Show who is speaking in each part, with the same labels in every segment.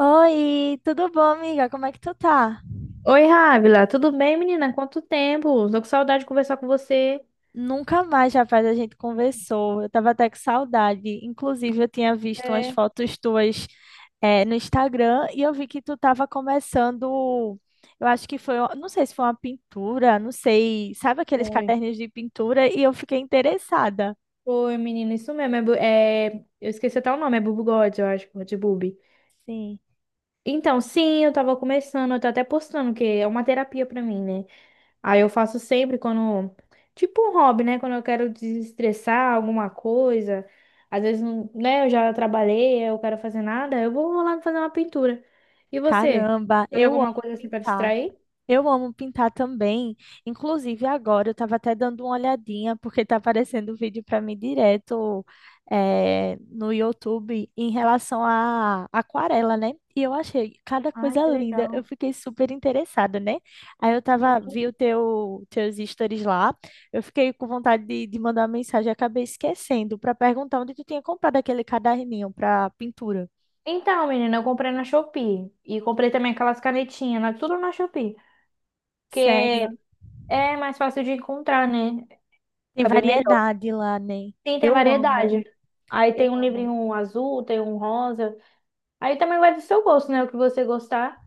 Speaker 1: Oi, tudo bom, amiga? Como é que tu tá?
Speaker 2: Oi, Rávila, tudo bem, menina? Quanto tempo? Tô com saudade de conversar com você.
Speaker 1: Nunca mais, rapaz, a gente conversou. Eu tava até com saudade. Inclusive, eu tinha visto umas
Speaker 2: É,
Speaker 1: fotos tuas, no Instagram e eu vi que tu tava começando. Eu acho que foi, não sei se foi uma pintura, não sei. Sabe aqueles
Speaker 2: foi.
Speaker 1: caderninhos de pintura? E eu fiquei interessada.
Speaker 2: Oi, menina, isso mesmo. É, eu esqueci até o nome, é Bubu God, eu acho, de Bubi.
Speaker 1: Sim.
Speaker 2: Então, sim, eu tava começando, eu tô até postando, que é uma terapia pra mim, né? Aí eu faço sempre quando. Tipo um hobby, né? Quando eu quero desestressar alguma coisa. Às vezes, né, eu já trabalhei, eu quero fazer nada, eu vou lá fazer uma pintura. E você?
Speaker 1: Caramba,
Speaker 2: Faz
Speaker 1: eu
Speaker 2: alguma
Speaker 1: amo
Speaker 2: coisa assim pra
Speaker 1: pintar.
Speaker 2: distrair?
Speaker 1: Eu amo pintar também. Inclusive, agora eu estava até dando uma olhadinha, porque está aparecendo vídeo para mim direto no YouTube em relação à aquarela, né? E eu achei cada
Speaker 2: Ai,
Speaker 1: coisa
Speaker 2: que
Speaker 1: linda. Eu
Speaker 2: legal.
Speaker 1: fiquei super interessada, né? Aí eu tava,
Speaker 2: Sim.
Speaker 1: vi o teus stories lá. Eu fiquei com vontade de mandar uma mensagem, e acabei esquecendo para perguntar onde tu tinha comprado aquele caderninho para pintura.
Speaker 2: Então, menina, eu comprei na Shopee. E comprei também aquelas canetinhas, né? Tudo na Shopee. Porque
Speaker 1: Sério?
Speaker 2: é mais fácil de encontrar, né?
Speaker 1: Tem
Speaker 2: Acabei melhor.
Speaker 1: variedade lá, né?
Speaker 2: Sim, tem
Speaker 1: Eu amo.
Speaker 2: variedade. Aí tem
Speaker 1: Eu
Speaker 2: um
Speaker 1: amo.
Speaker 2: livrinho azul, tem um rosa. Aí também vai do seu gosto, né? O que você gostar.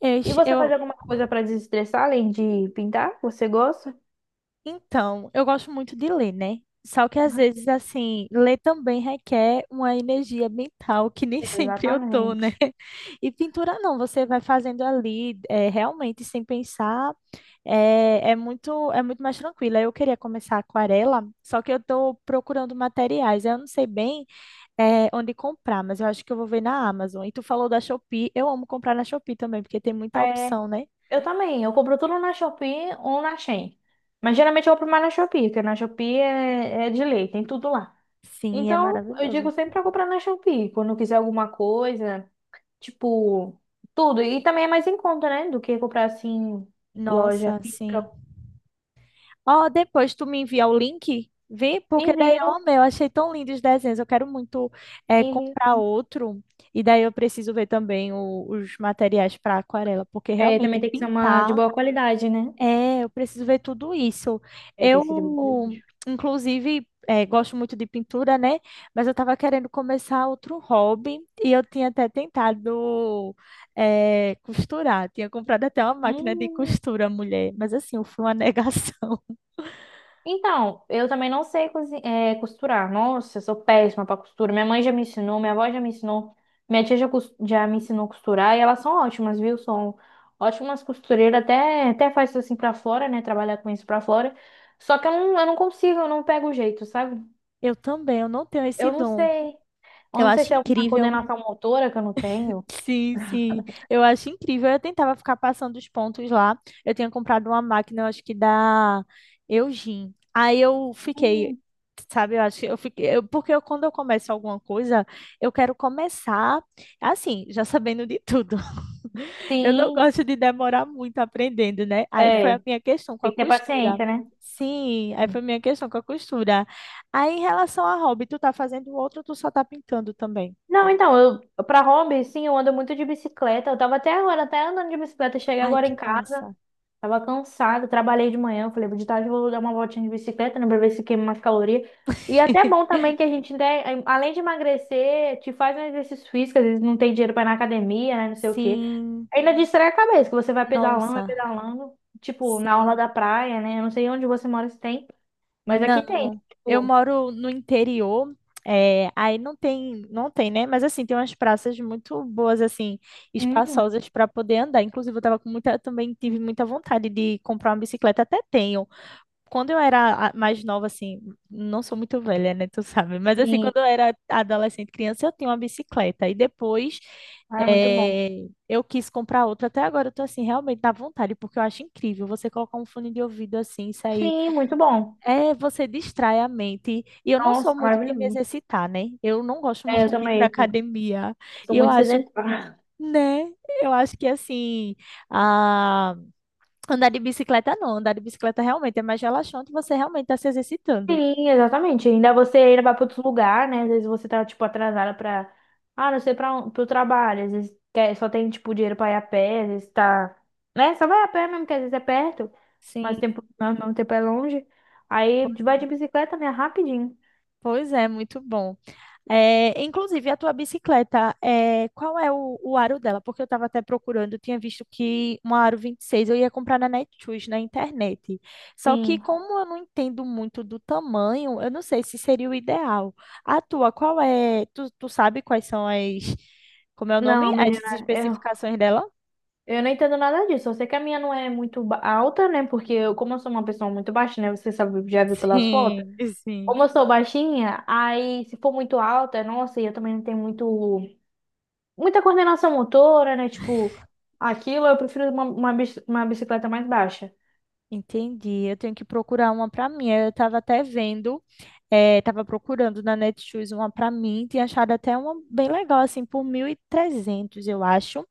Speaker 1: Eu,
Speaker 2: E
Speaker 1: es-
Speaker 2: você faz
Speaker 1: eu-
Speaker 2: alguma coisa pra desestressar, além de pintar? Você gosta?
Speaker 1: então, eu gosto muito de ler, né? Só que às
Speaker 2: Ah,
Speaker 1: vezes, assim, ler também requer uma energia mental que nem sempre eu tô, né?
Speaker 2: exatamente.
Speaker 1: E pintura não, você vai fazendo ali, realmente sem pensar, é muito mais tranquila. Eu queria começar aquarela, só que eu tô procurando materiais. Eu não sei bem, onde comprar, mas eu acho que eu vou ver na Amazon. E tu falou da Shopee, eu amo comprar na Shopee também, porque tem muita
Speaker 2: É,
Speaker 1: opção, né?
Speaker 2: eu também. Eu compro tudo na Shopee ou na Shein. Mas geralmente eu compro mais na Shopee, porque na Shopee é de lei, tem tudo lá.
Speaker 1: Sim, é
Speaker 2: Então, eu digo
Speaker 1: maravilhoso.
Speaker 2: sempre pra comprar na Shopee, quando eu quiser alguma coisa, tipo, tudo. E também é mais em conta, né? Do que comprar assim, loja
Speaker 1: Nossa,
Speaker 2: física.
Speaker 1: sim. Ó, depois tu me envia o link, vê? Porque daí eu
Speaker 2: Envio,
Speaker 1: amei, eu achei tão lindo os desenhos. Eu quero muito
Speaker 2: envio.
Speaker 1: comprar outro. E daí eu preciso ver também os materiais para aquarela, porque
Speaker 2: É,
Speaker 1: realmente
Speaker 2: também tem que ser uma de
Speaker 1: pintar,
Speaker 2: boa qualidade, né?
Speaker 1: é, eu preciso ver tudo isso.
Speaker 2: É, tem
Speaker 1: Eu,
Speaker 2: que ser de boa qualidade.
Speaker 1: inclusive, gosto muito de pintura, né? Mas eu estava querendo começar outro hobby e eu tinha até tentado costurar. Tinha comprado até uma máquina de
Speaker 2: Hum,
Speaker 1: costura, mulher. Mas assim, eu fui uma negação.
Speaker 2: Então, eu também não sei costurar. Nossa, eu sou péssima para costura. Minha mãe já me ensinou, minha avó já me ensinou, minha tia já, já me ensinou a costurar e elas são ótimas, viu? São ótimas costureiras, até faz isso assim para fora, né? Trabalhar com isso para fora. Só que eu não consigo, eu não pego o jeito, sabe?
Speaker 1: Eu também, eu não tenho esse
Speaker 2: Eu não
Speaker 1: dom.
Speaker 2: sei. Eu
Speaker 1: Eu
Speaker 2: não sei
Speaker 1: acho
Speaker 2: se é alguma
Speaker 1: incrível.
Speaker 2: coordenação motora que eu não tenho.
Speaker 1: Sim, sim. Eu acho incrível. Eu tentava ficar passando os pontos lá. Eu tinha comprado uma máquina, eu acho que da Eugene. Aí eu fiquei,
Speaker 2: Hum,
Speaker 1: sabe, eu acho que eu fiquei, quando eu começo alguma coisa, eu quero começar assim, já sabendo de tudo. Eu não
Speaker 2: Sim,
Speaker 1: gosto de demorar muito aprendendo, né? Aí foi
Speaker 2: é.
Speaker 1: a minha questão com
Speaker 2: Tem
Speaker 1: a
Speaker 2: que ter
Speaker 1: costura.
Speaker 2: paciência, né?
Speaker 1: Sim, aí foi a minha questão com a costura. Aí em relação a hobby, tu tá fazendo outro ou tu só tá pintando também?
Speaker 2: Não, então, eu para hobby, sim, eu ando muito de bicicleta. Eu tava até agora, até andando de bicicleta, cheguei
Speaker 1: Ai,
Speaker 2: agora
Speaker 1: que
Speaker 2: em casa,
Speaker 1: massa.
Speaker 2: tava cansada, trabalhei de manhã, eu falei, de tarde eu vou dar uma voltinha de bicicleta, né, pra ver se queima mais caloria. E é até bom também que a gente, né, além de emagrecer, te faz um exercício físico, às vezes não tem dinheiro pra ir na academia, né, não sei o quê.
Speaker 1: Sim,
Speaker 2: Ainda distrai a cabeça, que você vai
Speaker 1: nossa,
Speaker 2: pedalando, tipo, na orla
Speaker 1: sim.
Speaker 2: da praia, né? Eu não sei onde você mora se tem, mas aqui tem,
Speaker 1: Não, eu
Speaker 2: tipo,
Speaker 1: moro no interior, é, aí não tem, não tem, né? Mas assim, tem umas praças muito boas, assim,
Speaker 2: uhum,
Speaker 1: espaçosas para poder andar. Inclusive, eu tava com muita, também tive muita vontade de comprar uma bicicleta, até tenho, quando eu era mais nova, assim, não sou muito velha, né? Tu sabe, mas assim,
Speaker 2: sim,
Speaker 1: quando eu era adolescente, criança, eu tinha uma bicicleta. E depois
Speaker 2: ah, é muito bom.
Speaker 1: eu quis comprar outra. Até agora eu tô assim, realmente dá vontade, porque eu acho incrível você colocar um fone de ouvido assim, sair.
Speaker 2: Sim, muito bom.
Speaker 1: É, você distrai a mente. E eu não
Speaker 2: Nossa,
Speaker 1: sou muito de me
Speaker 2: maravilhoso.
Speaker 1: exercitar, né? Eu não gosto
Speaker 2: É,
Speaker 1: muito
Speaker 2: eu
Speaker 1: de ir pra
Speaker 2: também, assim,
Speaker 1: academia.
Speaker 2: sou
Speaker 1: E eu
Speaker 2: muito
Speaker 1: acho,
Speaker 2: sedentária.
Speaker 1: né? Eu acho que assim. A Andar de bicicleta não, andar de bicicleta realmente é mais relaxante, você realmente está se exercitando.
Speaker 2: Sim, exatamente. Ainda você ainda vai para outro lugar, né? Às vezes você tá, tipo, atrasada para, ah, não sei, para o trabalho. Às vezes quer, só tem, tipo, dinheiro para ir a pé, às vezes tá, né? Só vai a pé mesmo, que às vezes é perto, mas
Speaker 1: Sim,
Speaker 2: tempo, ao mesmo tempo é longe.
Speaker 1: po-
Speaker 2: Aí vai de bicicleta, né? Rapidinho.
Speaker 1: pois é, muito bom. É, inclusive, a tua bicicleta, é, qual é o aro dela? Porque eu estava até procurando, eu tinha visto que uma aro 26 eu ia comprar na Netshoes, na internet. Só que
Speaker 2: Sim.
Speaker 1: como eu não entendo muito do tamanho, eu não sei se seria o ideal. A tua, qual é? Tu sabe quais são as, como é o nome?
Speaker 2: Não,
Speaker 1: As
Speaker 2: menina, eu,
Speaker 1: especificações dela?
Speaker 2: eu não entendo nada disso. Eu sei que a minha não é muito alta, né? Porque eu, como eu sou uma pessoa muito baixa, né? Você sabe, já viu pelas fotos.
Speaker 1: Sim, sim.
Speaker 2: Como eu sou baixinha, aí se for muito alta, nossa, e eu também não tenho muito, muita coordenação motora, né? Tipo, aquilo eu prefiro uma bicicleta mais baixa.
Speaker 1: Entendi. Eu tenho que procurar uma para mim. Eu estava até vendo, estava procurando na Netshoes uma para mim, tinha achado até uma bem legal, assim, por 1.300, eu acho.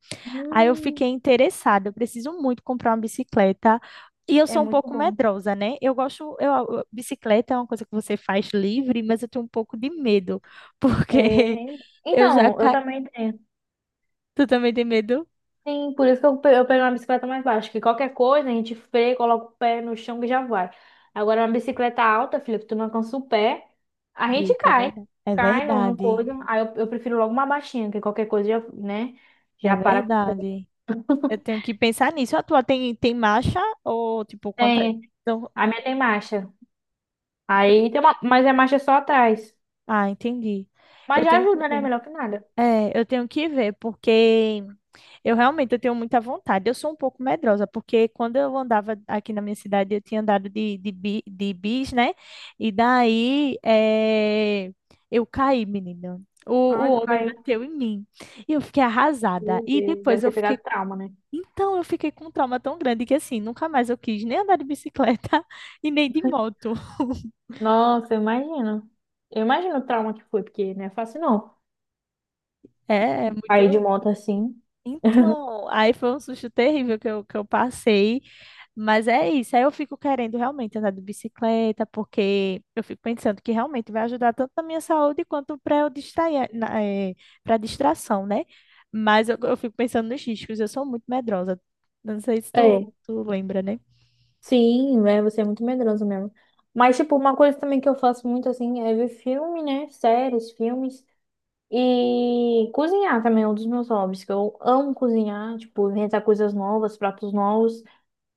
Speaker 1: Aí eu
Speaker 2: Hum,
Speaker 1: fiquei interessada. Eu preciso muito comprar uma bicicleta. E eu
Speaker 2: É
Speaker 1: sou um
Speaker 2: muito
Speaker 1: pouco
Speaker 2: bom.
Speaker 1: medrosa, né? Eu gosto, bicicleta é uma coisa que você faz livre, mas eu tenho um pouco de medo, porque
Speaker 2: É...
Speaker 1: eu já
Speaker 2: Então, eu
Speaker 1: ca...
Speaker 2: também tenho.
Speaker 1: Tu também tem medo?
Speaker 2: Sim, por isso que eu pego uma bicicleta mais baixa, que qualquer coisa a gente freia, coloca o pé no chão e já vai. Agora, uma bicicleta alta, filha, que tu não alcança o pé, a gente
Speaker 1: Eita, é
Speaker 2: cai.
Speaker 1: verdade. É
Speaker 2: Cai no, no
Speaker 1: verdade.
Speaker 2: coisa. Aí eu prefiro logo uma baixinha, que qualquer coisa já, né?
Speaker 1: É
Speaker 2: Já para.
Speaker 1: verdade. Eu tenho que pensar nisso. A tua tem, tem marcha ou tipo quanta.
Speaker 2: Tem.
Speaker 1: então-
Speaker 2: A minha tem marcha. Aí tem uma, mas é marcha só atrás.
Speaker 1: Ah, entendi. Eu
Speaker 2: Mas já
Speaker 1: tenho que
Speaker 2: ajuda, né?
Speaker 1: ver.
Speaker 2: Melhor que nada.
Speaker 1: É, eu tenho que ver, porque eu realmente eu tenho muita vontade. Eu sou um pouco medrosa, porque quando eu andava aqui na minha cidade, eu tinha andado de bis, né? E daí é, eu caí, menina.
Speaker 2: Ai, tu
Speaker 1: O homem
Speaker 2: caiu.
Speaker 1: bateu em mim. E eu fiquei arrasada.
Speaker 2: Meu
Speaker 1: E
Speaker 2: Deus, deve
Speaker 1: depois
Speaker 2: ter
Speaker 1: eu fiquei.
Speaker 2: pegado trauma, né?
Speaker 1: Então, eu fiquei com um trauma tão grande que, assim, nunca mais eu quis nem andar de bicicleta e nem de moto.
Speaker 2: Nossa, eu imagino. Eu imagino o trauma que foi, porque não é fácil não.
Speaker 1: É, é
Speaker 2: Cair de
Speaker 1: muito.
Speaker 2: moto assim.
Speaker 1: Então, aí foi um susto terrível que eu passei, mas é isso. Aí eu fico querendo realmente andar de bicicleta, porque eu fico pensando que realmente vai ajudar tanto na minha saúde quanto para eu distrair, para distração, né? Mas eu fico pensando nos riscos, eu sou muito medrosa. Não sei se
Speaker 2: É,
Speaker 1: tu lembra, né?
Speaker 2: sim, é, você é muito medroso mesmo. Mas, tipo, uma coisa também que eu faço muito, assim, é ver filme, né? Séries, filmes. E cozinhar também é um dos meus hobbies, que eu amo cozinhar, tipo, inventar coisas novas, pratos novos.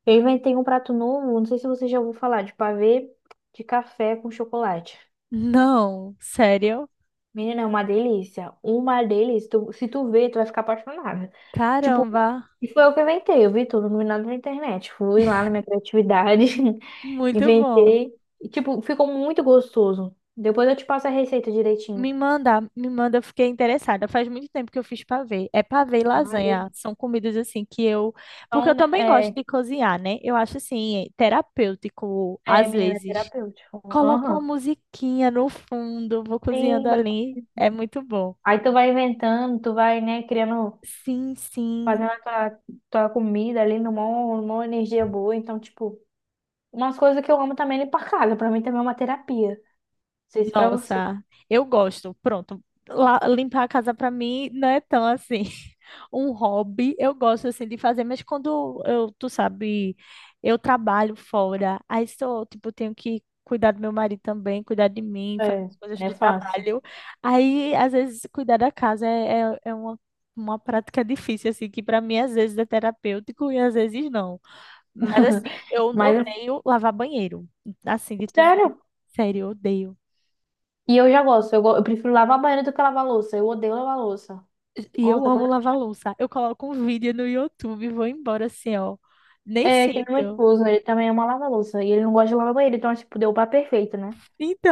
Speaker 2: Eu inventei um prato novo, não sei se você já ouviu falar, de pavê de café com chocolate.
Speaker 1: Não, sério?
Speaker 2: Menina, é uma delícia. Uma delícia. Se tu ver, tu vai ficar apaixonada. Tipo,
Speaker 1: Caramba.
Speaker 2: e foi eu que inventei. Eu vi tudo, no vi nada na internet. Fui lá na minha criatividade,
Speaker 1: Muito bom.
Speaker 2: inventei. E, tipo, ficou muito gostoso. Depois eu te passo a receita direitinho.
Speaker 1: Me manda, eu fiquei interessada. Faz muito tempo que eu fiz pavê. É pavê e
Speaker 2: Ai,
Speaker 1: lasanha.
Speaker 2: delícia.
Speaker 1: São comidas assim que eu. Porque eu
Speaker 2: Então,
Speaker 1: também gosto de cozinhar, né? Eu acho assim, terapêutico, às
Speaker 2: menina, é
Speaker 1: vezes.
Speaker 2: terapêutico.
Speaker 1: Coloco uma
Speaker 2: Aham.
Speaker 1: musiquinha no fundo, vou cozinhando
Speaker 2: Sim, vai-
Speaker 1: ali. É muito bom.
Speaker 2: aí tu vai inventando, tu vai, né, criando.
Speaker 1: Sim, sim.
Speaker 2: Fazendo a tua, tua comida ali numa energia boa. Então, tipo, umas coisas que eu amo também é limpar a casa. Pra mim também é uma terapia. Não sei se pra você
Speaker 1: Nossa, eu gosto. Pronto, limpar a casa pra mim não é tão assim um hobby. Eu gosto assim de fazer, mas quando eu, tu sabe, eu trabalho fora, aí sou, tipo, tenho que cuidar do meu marido também, cuidar de mim, fazer
Speaker 2: é,
Speaker 1: as coisas
Speaker 2: é
Speaker 1: do
Speaker 2: fácil.
Speaker 1: trabalho. Aí, às vezes, cuidar da casa é uma prática difícil, assim, que pra mim às vezes é terapêutico e às vezes não. Mas assim, eu
Speaker 2: Mas, é
Speaker 1: odeio lavar banheiro. Assim, de tudo,
Speaker 2: sério.
Speaker 1: sério, eu odeio.
Speaker 2: E eu já gosto. Eu prefiro lavar banheiro do que lavar louça. Eu odeio lavar louça.
Speaker 1: E eu
Speaker 2: Nossa, quando
Speaker 1: amo
Speaker 2: eu...
Speaker 1: lavar louça. Eu coloco um vídeo no YouTube e vou embora assim, ó. Nem
Speaker 2: É, que nem meu
Speaker 1: sinto.
Speaker 2: esposo, ele também ama lavar louça. E ele não gosta de lavar banheiro. Então, tipo, deu o par perfeito, né?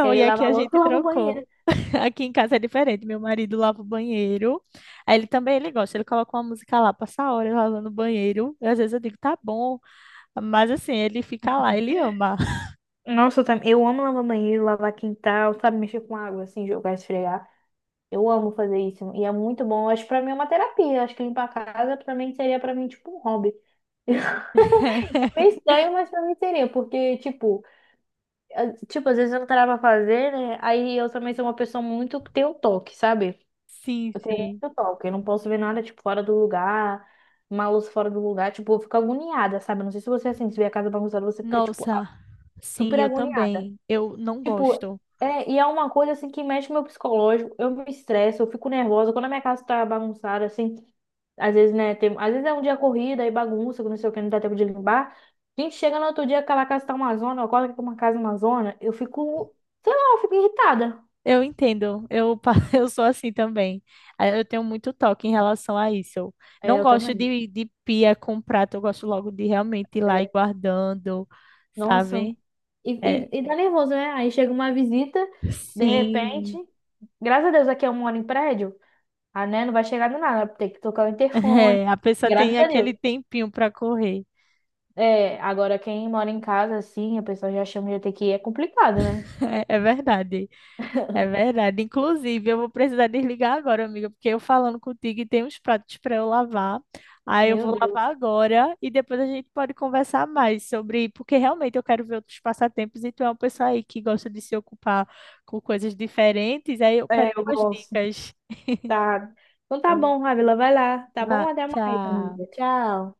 Speaker 2: Que aí ele
Speaker 1: e aqui
Speaker 2: lava a
Speaker 1: a
Speaker 2: louça e
Speaker 1: gente
Speaker 2: lava o banheiro.
Speaker 1: trocou. Aqui em casa é diferente. Meu marido lava o banheiro. Aí ele também, ele gosta. Ele coloca uma música lá, passa a hora lavando o banheiro. E às vezes eu digo, tá bom. Mas assim, ele fica lá, ele ama.
Speaker 2: Nossa, eu amo lavar banheiro, lavar quintal, sabe? Mexer com água, assim, jogar, esfregar. Eu amo fazer isso. E é muito bom. Eu acho que pra mim é uma terapia. Eu acho que limpar a casa pra mim seria pra mim tipo um hobby. Meio estranho, mas pra mim seria, porque, tipo, tipo, às vezes eu não tava pra fazer, né? Aí eu também sou uma pessoa muito que tem o toque, sabe?
Speaker 1: Sim,
Speaker 2: Eu tenho
Speaker 1: sim.
Speaker 2: muito toque. Eu não posso ver nada, tipo, fora do lugar, uma luz fora do lugar. Tipo, eu fico agoniada, sabe? Não sei se você, é assim, se vê a casa bagunçada, você fica, tipo,
Speaker 1: Nossa, sim,
Speaker 2: super
Speaker 1: eu
Speaker 2: agoniada.
Speaker 1: também. Eu não
Speaker 2: Tipo,
Speaker 1: gosto.
Speaker 2: e é uma coisa assim que mexe com o meu psicológico. Eu me estresso, eu fico nervosa. Quando a minha casa tá bagunçada, assim, às vezes, né, tem, às vezes é um dia corrida e bagunça, que não sei o que, não dá tempo de limpar. A gente chega no outro dia, aquela casa tá uma zona, eu acordo com uma casa uma zona, eu fico, sei lá, eu fico irritada.
Speaker 1: Eu entendo, eu sou assim também. Ah, eu tenho muito toque em relação a isso. Eu
Speaker 2: É,
Speaker 1: não
Speaker 2: eu
Speaker 1: gosto
Speaker 2: também.
Speaker 1: de pia com prato, eu gosto logo de realmente ir lá e
Speaker 2: É.
Speaker 1: guardando,
Speaker 2: Nossa.
Speaker 1: sabe?
Speaker 2: E,
Speaker 1: É,
Speaker 2: e dá nervoso, né? Aí chega uma visita, de repente,
Speaker 1: sim,
Speaker 2: graças a Deus aqui eu moro em prédio, a né, não vai chegar do nada, tem que tocar o interfone.
Speaker 1: é, a pessoa tem
Speaker 2: Graças a Deus.
Speaker 1: aquele tempinho para correr,
Speaker 2: É, agora quem mora em casa, assim, a pessoa já chama de ETQ, é complicado, né?
Speaker 1: é, é verdade. É verdade. Inclusive, eu vou precisar desligar agora, amiga, porque eu falando contigo e tem uns pratos para eu lavar. Aí eu
Speaker 2: Meu
Speaker 1: vou
Speaker 2: Deus.
Speaker 1: lavar agora e depois a gente pode conversar mais sobre, porque realmente eu quero ver outros passatempos e tu é uma pessoa aí que gosta de se ocupar com coisas diferentes, aí eu quero
Speaker 2: É, eu
Speaker 1: umas
Speaker 2: gosto.
Speaker 1: dicas.
Speaker 2: Tá. Então tá bom, Ávila, vai lá. Tá
Speaker 1: Vá,
Speaker 2: bom? Até mais,
Speaker 1: tchau.
Speaker 2: amiga. Tchau.